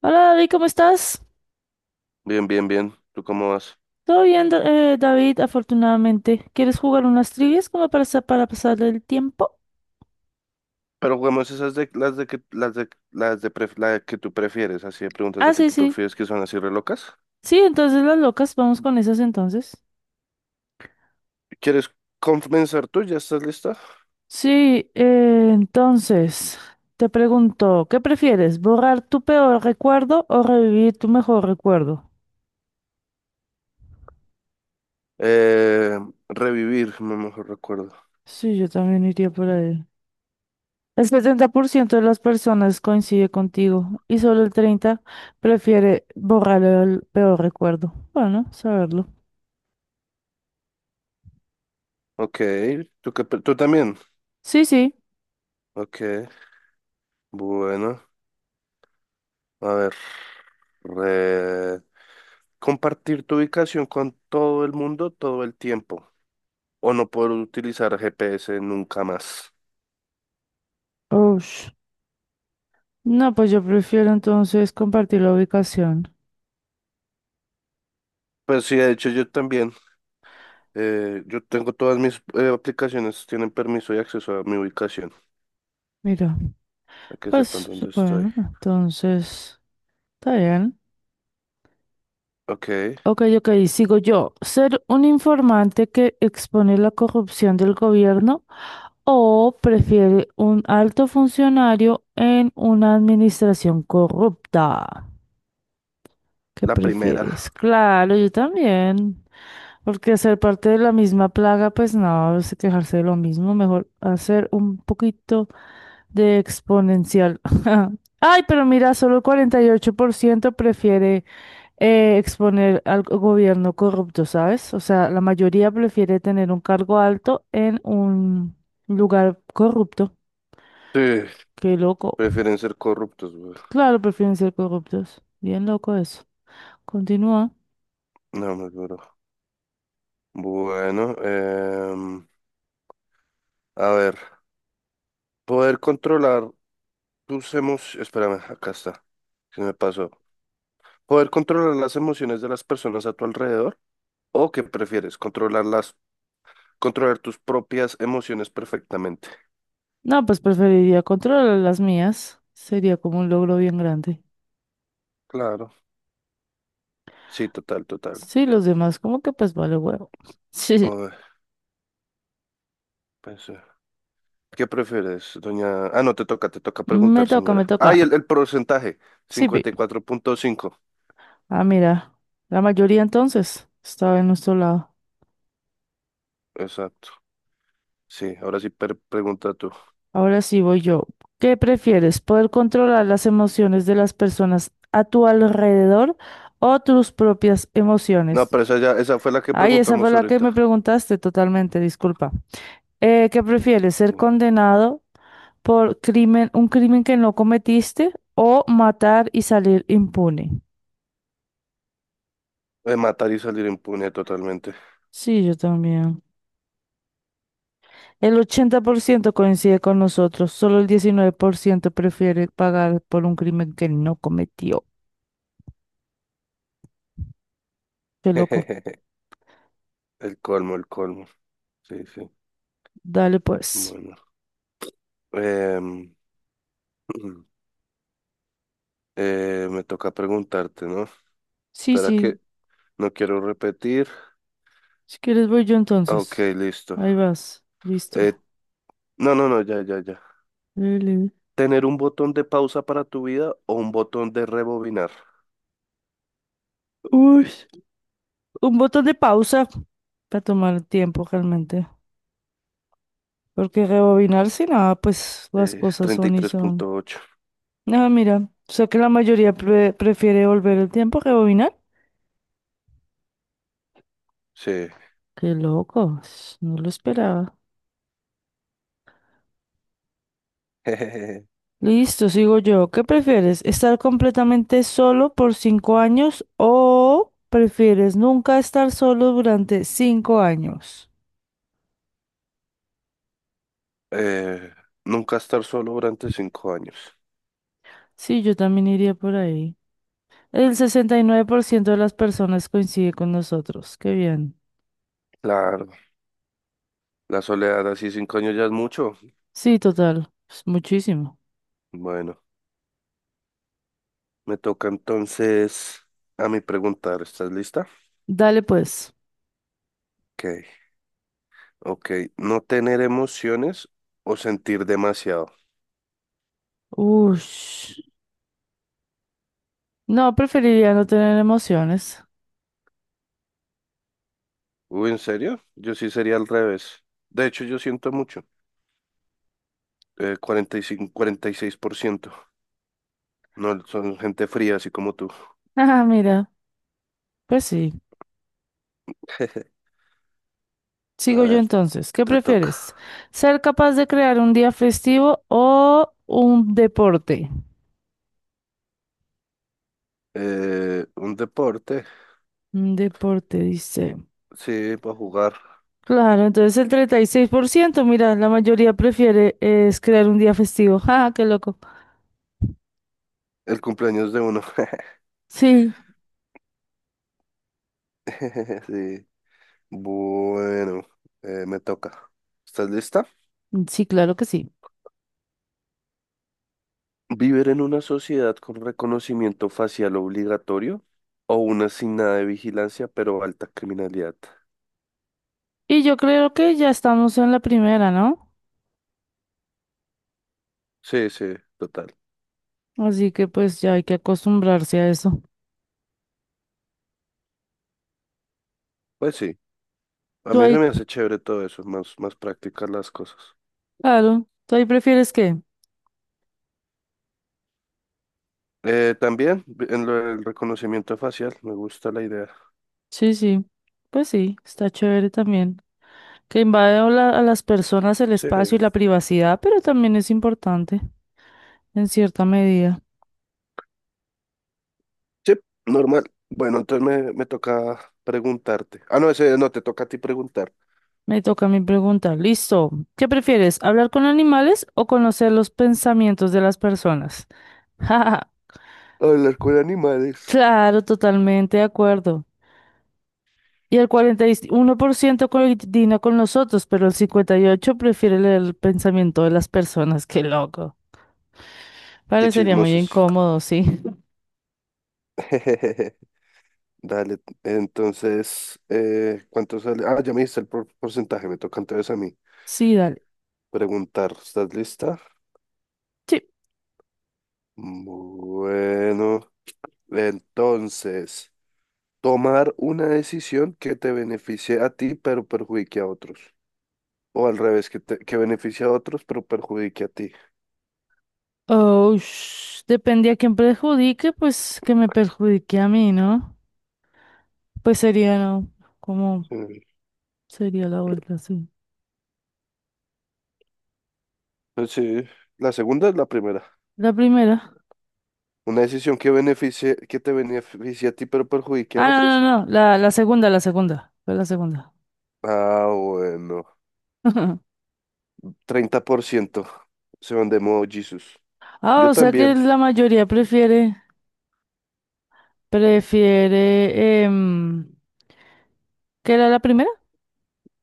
Hola David, ¿cómo estás? Bien, bien, bien. ¿Tú cómo vas? Todo bien, David, afortunadamente. ¿Quieres jugar unas trivias como para, para pasar el tiempo? Pero jugamos esas de las de que las de la que tú prefieres, así de preguntas de Ah, que sí, tú sí. prefieres que son así re locas. Sí, entonces las locas, vamos con esas entonces. ¿Quieres comenzar tú? ¿Ya estás lista? Sí, entonces, te pregunto, ¿qué prefieres? ¿Borrar tu peor recuerdo o revivir tu mejor recuerdo? Eh, revivir, me mejor recuerdo. Sí, yo también iría por ahí. El 70% de las personas coincide contigo y solo el 30% prefiere borrar el peor recuerdo. Bueno, saberlo. Ok, ¿tú también? Sí, sí. Ok, bueno, a ver. re- Compartir tu ubicación con todo el mundo todo el tiempo o no poder utilizar GPS nunca más. Ush. No, pues yo prefiero entonces compartir la ubicación. Pues sí, de hecho yo también. Yo tengo todas mis aplicaciones, tienen permiso y acceso a mi ubicación, Mira, a que sepan pues dónde estoy. bueno, entonces está bien. Ok, Ok, ok, sigo yo. ¿Ser un informante que expone la corrupción del gobierno o prefiere un alto funcionario en una administración corrupta? ¿Qué la prefieres? primera. Claro, yo también. Porque ser parte de la misma plaga, pues no, es quejarse de lo mismo, mejor hacer un poquito de exponencial. Ay, pero mira, solo el 48% prefiere exponer al gobierno corrupto, ¿sabes? O sea, la mayoría prefiere tener un cargo alto en un lugar corrupto. Sí, Qué loco. prefieren ser corruptos, güey. Claro, prefieren ser corruptos. Bien loco eso. Continúa. No me juro. Bueno, a ver. Poder controlar tus emociones. Espérame, acá está. Se me pasó. Poder controlar las emociones de las personas a tu alrededor. ¿O qué prefieres? Controlar tus propias emociones perfectamente. No, pues preferiría controlar las mías. Sería como un logro bien grande. Claro. Sí, total, total. Sí, los demás, como que pues vale huevo. Sí, Ay, pues, ¿qué prefieres, doña? Ah, no, te toca me preguntar, toca, me señora. Ah, toca. y el porcentaje, Sí, 54,5. ah, mira, la mayoría entonces estaba en nuestro lado. Exacto. Sí, ahora sí pregunta tú. Ahora sí voy yo. ¿Qué prefieres? ¿Poder controlar las emociones de las personas a tu alrededor o tus propias No, emociones? pero esa fue la que Ay, esa fue preguntamos la que ahorita. me preguntaste totalmente, disculpa. ¿Qué prefieres? ¿Ser Mm. condenado por un crimen que no cometiste o matar y salir impune? De matar y salir impune totalmente. Sí, yo también. El 80% coincide con nosotros, solo el 19% prefiere pagar por un crimen que no cometió. Qué loco. El colmo, el colmo. Sí, sí. Dale pues. Bueno. Em, me toca preguntarte, ¿no? Sí, Espera sí. que no quiero repetir. Si quieres voy yo Ah, Ok, entonces. listo. Ahí vas. Eh, Listo. no, no, no, ya, ya, ya. Dale. ¿Tener un botón de pausa para tu vida o un botón de rebobinar? Uy, un botón de pausa para tomar tiempo realmente. Porque rebobinar si nada, pues las cosas treinta y son y tres son. punto ocho Ah, mira. O sea que la mayoría prefiere volver el tiempo a rebobinar. Sí. Qué loco. No lo esperaba. Listo, sigo yo. ¿Qué prefieres? ¿Estar completamente solo por 5 años o prefieres nunca estar solo durante 5 años? Eh, nunca estar solo durante 5 años. Sí, yo también iría por ahí. El 69% de las personas coincide con nosotros. Qué bien. Claro, la soledad así 5 años ya es mucho. Sí, total. Pues muchísimo. Bueno, me toca entonces a mí preguntar. ¿Estás lista? Dale pues. Ok, ok. No tener emociones o sentir demasiado. Ush. No, preferiría no tener emociones. Uy, ¿en serio? Yo sí sería al revés. De hecho, yo siento mucho. 45, 46%. No, son gente fría, así como tú. Ah, mira. Pues sí. A Sigo yo ver, entonces. ¿Qué te toca. prefieres? ¿Ser capaz de crear un día festivo o un deporte? Un deporte, Un deporte, dice. sí, para jugar. Claro, entonces el 36%, mira, la mayoría prefiere es crear un día festivo. ¡Ja, qué loco! El cumpleaños de uno. Sí, Sí. Bueno, me toca. ¿Estás lista? sí, claro que sí. ¿Vivir en una sociedad con reconocimiento facial obligatorio o una sin nada de vigilancia pero alta criminalidad? Y yo creo que ya estamos en la primera, ¿no? Sí, sí, total. Así que pues ya hay que acostumbrarse a eso. Pues sí, a ¿Tú mí ahí, se me hace chévere todo eso, más, más prácticas las cosas. claro, tú ahí prefieres qué? También en lo del reconocimiento facial, me gusta la idea. Sí, sí. Pues sí, está chévere también. Que invade a las personas el Sí, espacio y la privacidad, pero también es importante en cierta medida. sí, normal. Bueno, entonces me toca preguntarte. Ah, no, ese no, te toca a ti preguntar. Me toca a mí preguntar, listo, ¿qué prefieres, hablar con animales o conocer los pensamientos de las personas? Jaja, Hablar con animales. claro, totalmente de acuerdo. Y el 41% coincide con nosotros, pero el 58% prefiere leer el pensamiento de las personas. Qué loco. Qué Parecería muy chismosos. incómodo, sí. Dale, entonces, ¿cuánto sale? Ah, ya me diste el porcentaje, me toca entonces a mí Sí, dale. preguntar. ¿Estás lista? Sí. Bueno, entonces, tomar una decisión que te beneficie a ti, pero perjudique a otros. O al revés, que beneficie a otros, pero perjudique a ti. Oh, depende a quién perjudique, pues que me perjudique a mí, ¿no? Pues sería, ¿no? ¿Cómo Sí. sería la vuelta? Sí. Pues sí, la segunda es la primera. La primera. Una decisión que te beneficie a ti, pero perjudique Ah, a no, otros. no, no. La segunda, la segunda. Fue la segunda. Ah, bueno. 30% se van de modo Jesús. Ah, Yo o sea que también. la mayoría prefiere, ¿qué era la primera?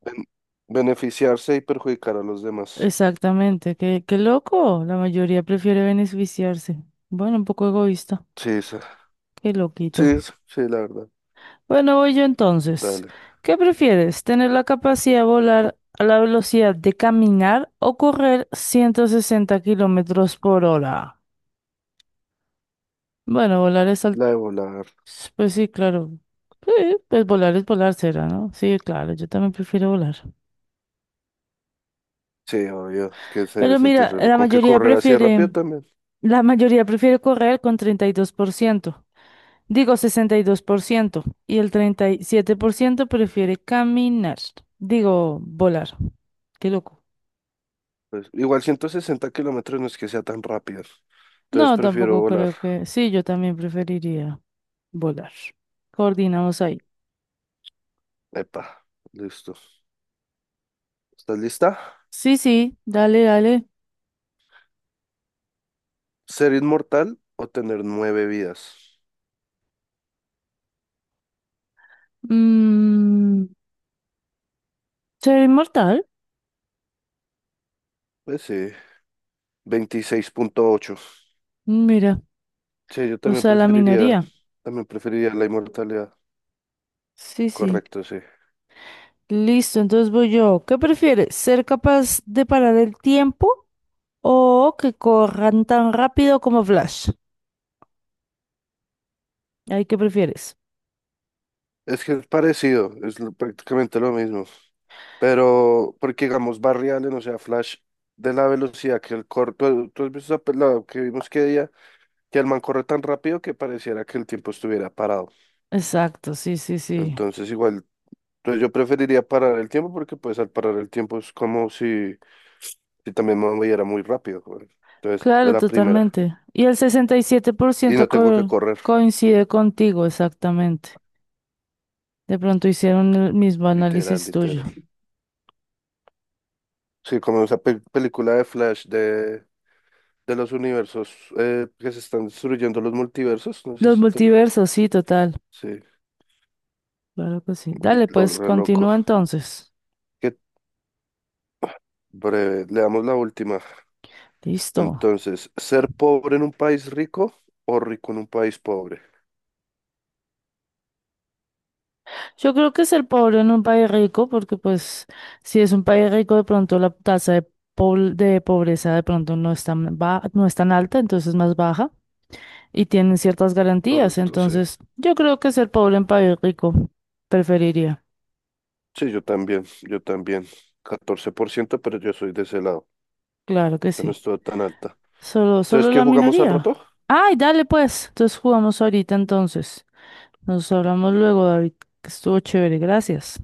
Ben- beneficiarse y perjudicar a los demás. Exactamente. Qué loco. La mayoría prefiere beneficiarse. Bueno, un poco egoísta. Sí, esa. Qué Sí, loquito. esa. Sí, la verdad. Bueno, voy yo entonces. Dale. ¿Qué prefieres? ¿Tener la capacidad de volar a la velocidad de caminar o correr 160 kilómetros por hora? Bueno, volar es al. La de volar. Pues sí, claro. Sí, pues volar es volar será, ¿no? Sí, claro, yo también prefiero volar. Sí, obvio, que se debe Pero sentir mira, reloj. la Con que mayoría correr así de rápido prefiere... también. La mayoría prefiere correr con 32%. Digo 62%. Y 2%. Y el 37% prefiere caminar. Digo, volar. Qué loco. Pues, igual 160 kilómetros no es que sea tan rápido. Entonces No, prefiero tampoco volar. creo que. Sí, yo también preferiría volar. Coordinamos ahí. Epa, listo. ¿Estás lista? Sí, sí, dale, dale. ¿Ser inmortal o tener nueve vidas? Mm, ser inmortal. Pues sí, 26,8. Mira, Sí, yo o también sea, la preferiría, minoría. también preferiría la inmortalidad. Sí, sí. Correcto, sí. Listo, entonces voy yo. ¿Qué prefieres? ¿Ser capaz de parar el tiempo o que corran tan rápido como Flash? Ahí, ¿qué prefieres? Es que es parecido, prácticamente lo mismo. Pero, porque digamos, Barry Allen, o sea, Flash, de la velocidad que el corre, ¿tú has visto la que vimos que día, que el man corre tan rápido que pareciera que el tiempo estuviera parado. Exacto, sí, sí, sí. Entonces igual, pues yo preferiría parar el tiempo porque pues al parar el tiempo es como si también me moviera muy rápido, güey. Entonces es Claro, la primera. totalmente. Y el Y no 67% tengo que correr, coincide contigo, exactamente. De pronto hicieron el mismo literal, análisis literal. tuyo. Sí, como película de Flash de los universos que se están destruyendo los multiversos, Los necesito. multiversos, sí, total. Sí, Claro que sí. Dale, lo pues re loco. continúa entonces. Qué breve, le damos la última. Listo. Entonces, ¿ser pobre en un país rico o rico en un país pobre? Yo creo que ser pobre en un país rico, porque pues si es un país rico, de pronto la tasa de pobreza de pronto no es tan no es tan alta, entonces es más baja y tienen ciertas garantías. Correcto, sí. Entonces, yo creo que ser pobre en país rico preferiría. Sí, yo también, yo también. 14%, pero yo soy de ese lado. Claro que O sea, no sí. estuvo tan alta. Solo Entonces, ¿qué la jugamos al minoría. rato? Ay, dale pues. Entonces jugamos ahorita entonces. Nos hablamos luego, David, que estuvo chévere, gracias.